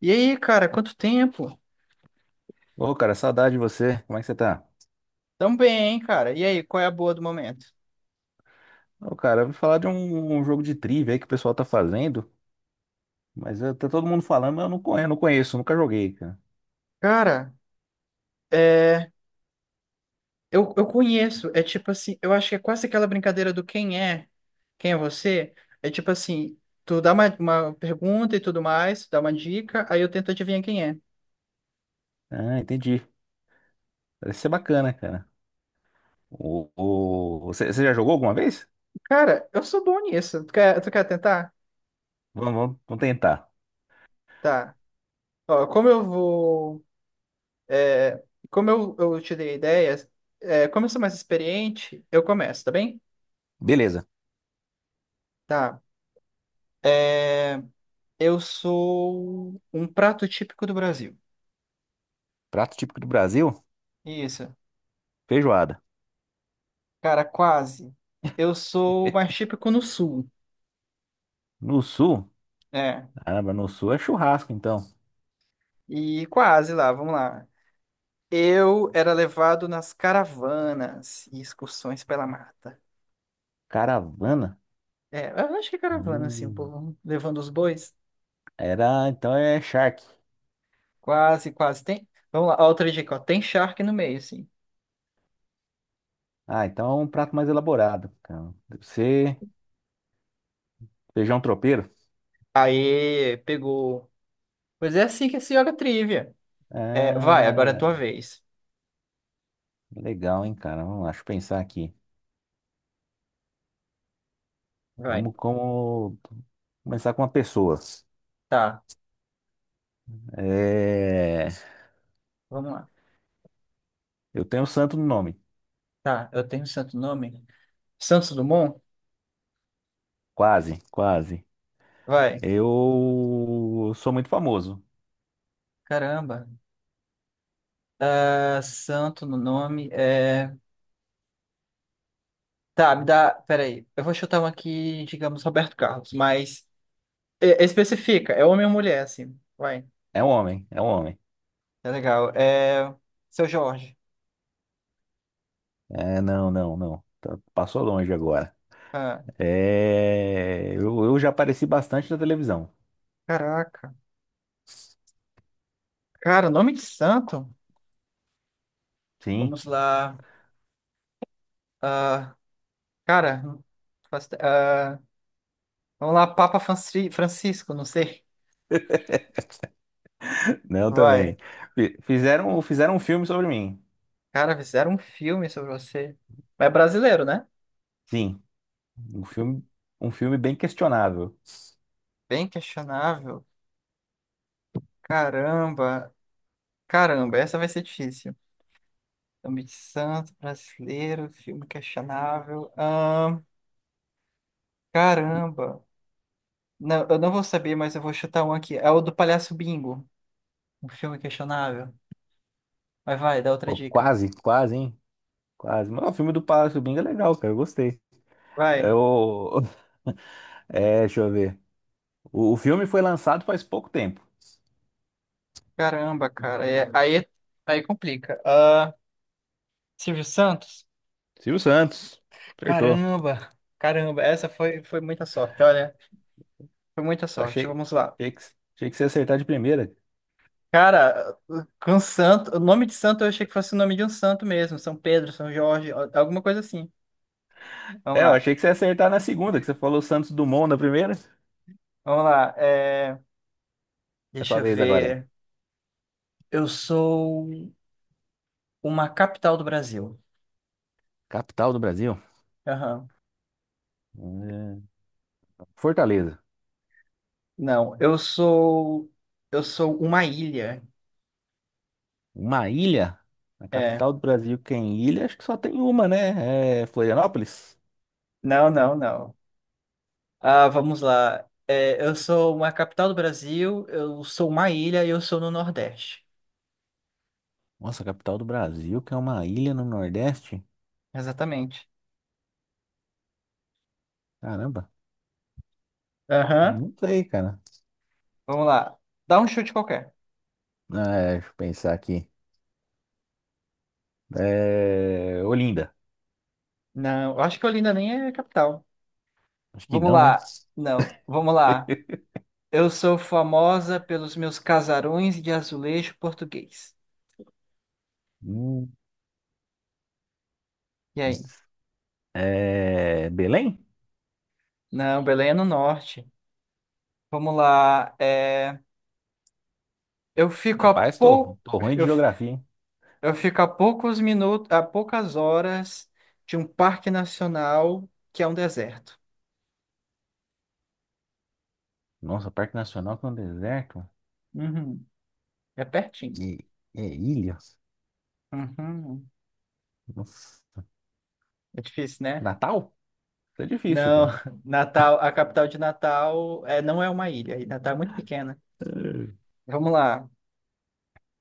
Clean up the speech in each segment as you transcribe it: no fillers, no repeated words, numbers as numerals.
E aí, cara, quanto tempo? Ô, cara, saudade de você. Como é que você tá? Tão bem, hein, cara? E aí, qual é a boa do momento? Ô, cara, eu ouvi falar de um jogo de trivia aí que o pessoal tá fazendo, mas tá todo mundo falando, mas eu não conheço, nunca joguei, cara. Cara, é... eu conheço, é tipo assim, eu acho que é quase aquela brincadeira do quem é você. É tipo assim, tu dá uma pergunta e tudo mais, dá uma dica, aí eu tento adivinhar quem é. Ah, entendi. Parece ser bacana, cara. Você já jogou alguma vez? Cara, eu sou bom nisso. Tu quer tentar? Vamos tentar. Tá. Ó, como eu vou. é, Como eu te dei ideias, como eu sou mais experiente, eu começo, tá bem? Beleza. Tá. É. Eu sou um prato típico do Brasil. Prato típico do Brasil, Isso. feijoada. Cara, quase. Eu sou mais típico no sul. No sul, É. caramba, no sul é churrasco, então. E quase lá, vamos lá. Eu era levado nas caravanas e excursões pela mata. Caravana? É, eu acho que é caravana, assim, o Hum, povo levando os bois. era, então é charque. Quase, quase. Tem. Vamos lá, ó, outra dica, ó. Tem charque no meio, assim. Ah, então é um prato mais elaborado, cara. Deve ser feijão tropeiro. Aê, pegou. Pois é assim que se joga trivia. É, vai, agora é a tua Ah, vez. legal, hein, cara? Vamos lá, deixa eu pensar aqui. Vai. Vamos como... Começar com uma pessoa. Tá, É... vamos lá. Eu tenho um santo no nome. Tá, eu tenho um santo nome? Santos Dumont? Quase, quase. Vai. Eu sou muito famoso. Caramba. Ah, santo no nome. Tá, me dá. Peraí. Eu vou chutar um aqui, digamos, Roberto Carlos, mas é, especifica. É homem ou mulher, assim. Vai. É um homem. Tá legal. Seu Jorge. É, não. Passou longe agora. Ah, Eu já apareci bastante na televisão. caraca. Cara, nome de santo? Sim, Vamos lá. Ah, cara, não faço ide- ah, vamos lá, Papa Francisco, não sei. não Vai. também. Fizeram um filme sobre mim. Cara, fizeram um filme sobre você. Mas é brasileiro, né? Sim, um filme, um filme bem questionável. Bem questionável. Caramba, caramba, essa vai ser difícil. Nome de santo, brasileiro, filme questionável. Caramba. Não, eu não vou saber, mas eu vou chutar um aqui. É o do Palhaço Bingo, um filme questionável. Mas vai, dá outra Pô, dica. quase, quase, hein? Quase. Mas o filme do Palácio do Bing é legal, cara. Eu gostei. É Vai. o, É, deixa eu ver. O filme foi lançado faz pouco tempo. Caramba, cara. Aí complica. Ah, Silvio Santos? Silvio Santos. Acertou. Caramba, caramba. Essa foi, foi muita sorte, olha. Foi muita Eu achei, sorte. Vamos lá. achei que, achei que você ia acertar de primeira. Cara, com santo, o nome de santo eu achei que fosse o nome de um santo mesmo, São Pedro, São Jorge, alguma coisa assim. Vamos É, eu lá, achei que você ia acertar na segunda, que você falou Santos Dumont na primeira. vamos lá. É Deixa sua eu vez agora, ver. é. Eu sou uma capital do Brasil. Capital do Brasil? Aham. É, Fortaleza. Não, eu sou uma ilha. Uma ilha? Na É. capital do Brasil, que é em ilha, acho que só tem uma, né? É Florianópolis? Não, não, não. Ah, vamos lá. É, eu sou uma capital do Brasil. Eu sou uma ilha e eu sou no Nordeste. Nossa, a capital do Brasil, que é uma ilha no Nordeste? Exatamente. Caramba, Aham. não sei, cara. Vamos lá. Dá um chute qualquer. Ah, é, deixa eu pensar aqui. Olinda. Não, eu acho que Olinda nem é capital. Acho que Vamos não, né? lá. Não, vamos lá. Eu sou famosa pelos meus casarões de azulejo português. Hum, E aí? Belém? Não, Belém é no norte. Vamos lá. É, eu fico a Rapaz, pou... tô ruim de eu... f- geografia, hein? eu fico a poucos minutos, a poucas horas de um parque nacional que é um deserto. Nossa, Parque Nacional com deserto Uhum, é pertinho. e, e ilhas. Uhum. Nossa. É difícil, né? Natal? Isso é difícil, Não, cara. Natal, a capital de Natal é, não é uma ilha. E Natal é muito pequena. Eh, Vamos lá.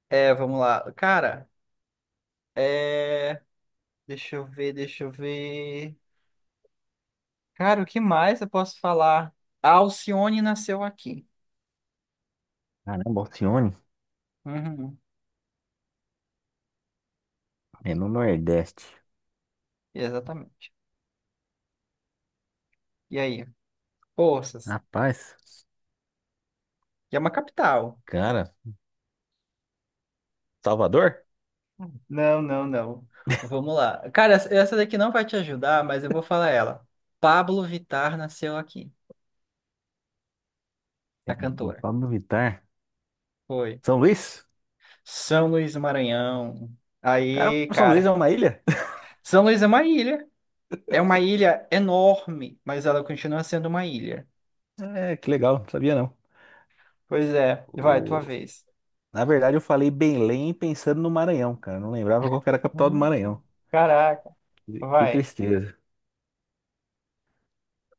É, vamos lá. Cara, é... deixa eu ver. Cara, o que mais eu posso falar? A Alcione nasceu aqui. caramba, Alcione. Uhum, É no Nordeste. exatamente. E aí? Forças. Rapaz, E é uma capital. cara, Salvador? Não, não, não. Vamos lá. Cara, essa daqui não vai te ajudar, mas eu vou falar ela. Pablo Vittar nasceu aqui. A Caramba, cantora. Pablo Vittar. Foi. São Luís? São Luís do Maranhão. Caramba, Aí, São Luís é cara. uma ilha? São Luís é uma ilha. É uma ilha enorme, mas ela continua sendo uma ilha. É, que legal, não sabia não. Pois é, vai, O- tua vez. Na verdade, eu falei Belém pensando no Maranhão, cara. Eu não lembrava qual que era a capital do Hum, Maranhão. caraca, Que vai. tristeza.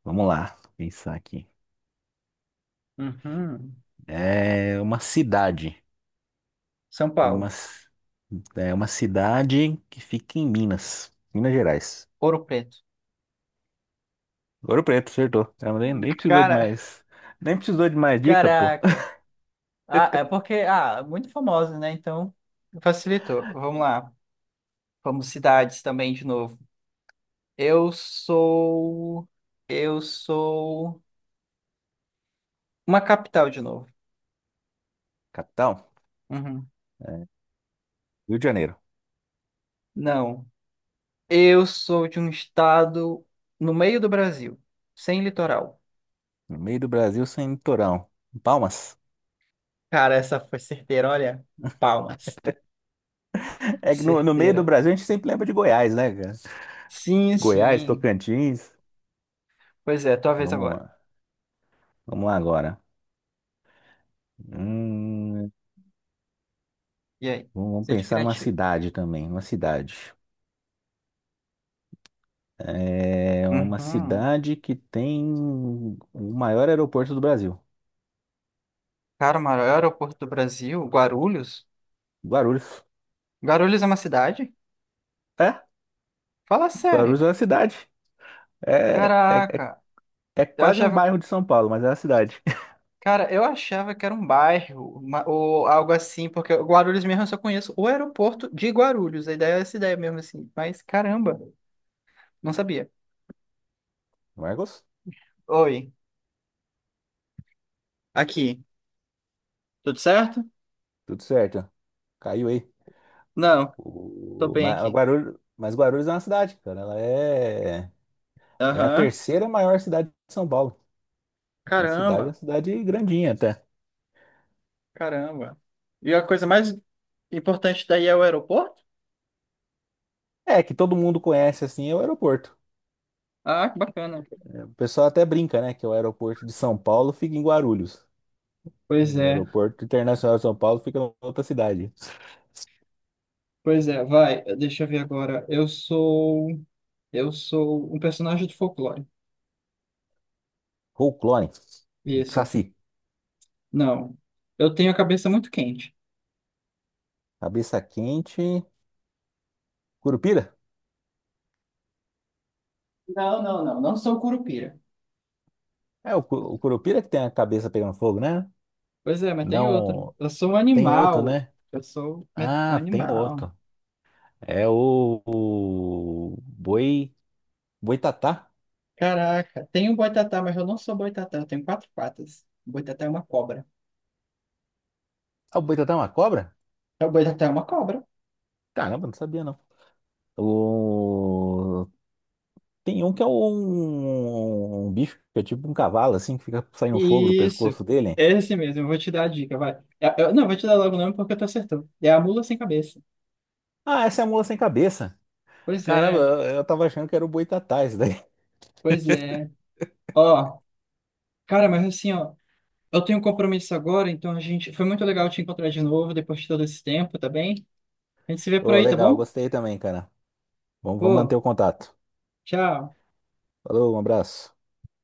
Vamos lá, pensar aqui. Uhum. É uma cidade. São Uma... Paulo, c- É uma cidade que fica em Minas, Minas Gerais. Ouro Preto. Ouro Preto, acertou. Cara, nem precisou de Cara, mais. Nem precisou de mais dica, pô. caraca. Ah, é porque, ah, muito famosa, né? Então, facilitou. Vamos lá. Vamos cidades também de novo. Eu sou. Eu sou. Uma capital de novo. Capital, Uhum. Rio de Janeiro. Não. Eu sou de um estado no meio do Brasil, sem litoral. No meio do Brasil, sem litorão. Palmas. Cara, essa foi certeira, olha. Palmas. É que no meio Certeira. do Brasil a gente sempre lembra de Goiás, né, cara? Sim, Goiás, sim. Tocantins. Pois é, tua vez Vamos agora. lá. Vamos lá agora. Hum, E aí? vamos Seja pensar numa criativo. cidade também, uma cidade. É uma Uhum. cidade que tem o maior aeroporto do Brasil. Cara, o maior aeroporto do Brasil, Guarulhos? Guarulhos. Guarulhos é uma cidade? É, Fala Guarulhos sério. é uma cidade. É, é, é Caraca. é Eu quase um achava que... bairro de São Paulo, mas é uma cidade. Cara, eu achava que era um bairro, ou algo assim, porque Guarulhos mesmo eu só conheço o aeroporto de Guarulhos. A ideia é essa ideia mesmo assim. Mas caramba, não sabia. Marcos, Oi. Aqui. Tudo certo? tudo certo. Caiu aí. Não, tô O, bem ma- aqui. Guarulhos, mas Guarulhos é uma cidade, cara. É a Aham. terceira maior cidade de São Paulo. Uma Caramba, cidade grandinha até. caramba. E a coisa mais importante daí é o aeroporto? É, que todo mundo conhece assim, é o aeroporto. Ah, que bacana. É, o pessoal até brinca, né, que é o aeroporto de São Paulo fica em Guarulhos. Pois O é, aeroporto internacional de São Paulo fica em outra cidade. pois é, vai, deixa eu ver agora. Eu sou. Eu sou um personagem de folclore. Clone, Isso. Saci, Não. Eu tenho a cabeça muito quente. cabeça quente, Curupira. Não, não, não. Não sou curupira. O Curupira que tem a cabeça pegando fogo, né? Pois é, mas tem outro. Não, Eu sou um tem outro, animal. né? Um Ah, tem animal. outro. É o, o boi, boitatá. Caraca, tem um boitatá, mas eu não sou boitatá. Eu tenho quatro patas. O boitatá é uma cobra. Ah, o boitatá é uma cobra? O boitatá é uma cobra. Caramba, não sabia não. O tem um que é um bicho que é tipo um cavalo, assim, que fica saindo fogo do Isso, pescoço dele. esse mesmo, eu vou te dar a dica, vai. Não, eu vou te dar logo o nome porque tu acertou. É a mula sem cabeça. Ah, essa é a mula sem cabeça. Pois Caramba, é, eu tava achando que era o boitatá isso daí. pois é. Ó, cara, mas assim, ó, eu tenho um compromisso agora, então a gente. Foi muito legal te encontrar de novo depois de todo esse tempo, tá bem? A gente se vê por Ô, aí, tá legal, bom? gostei também, cara. Vamos manter Pô, o contato. tchau. Falou, um abraço.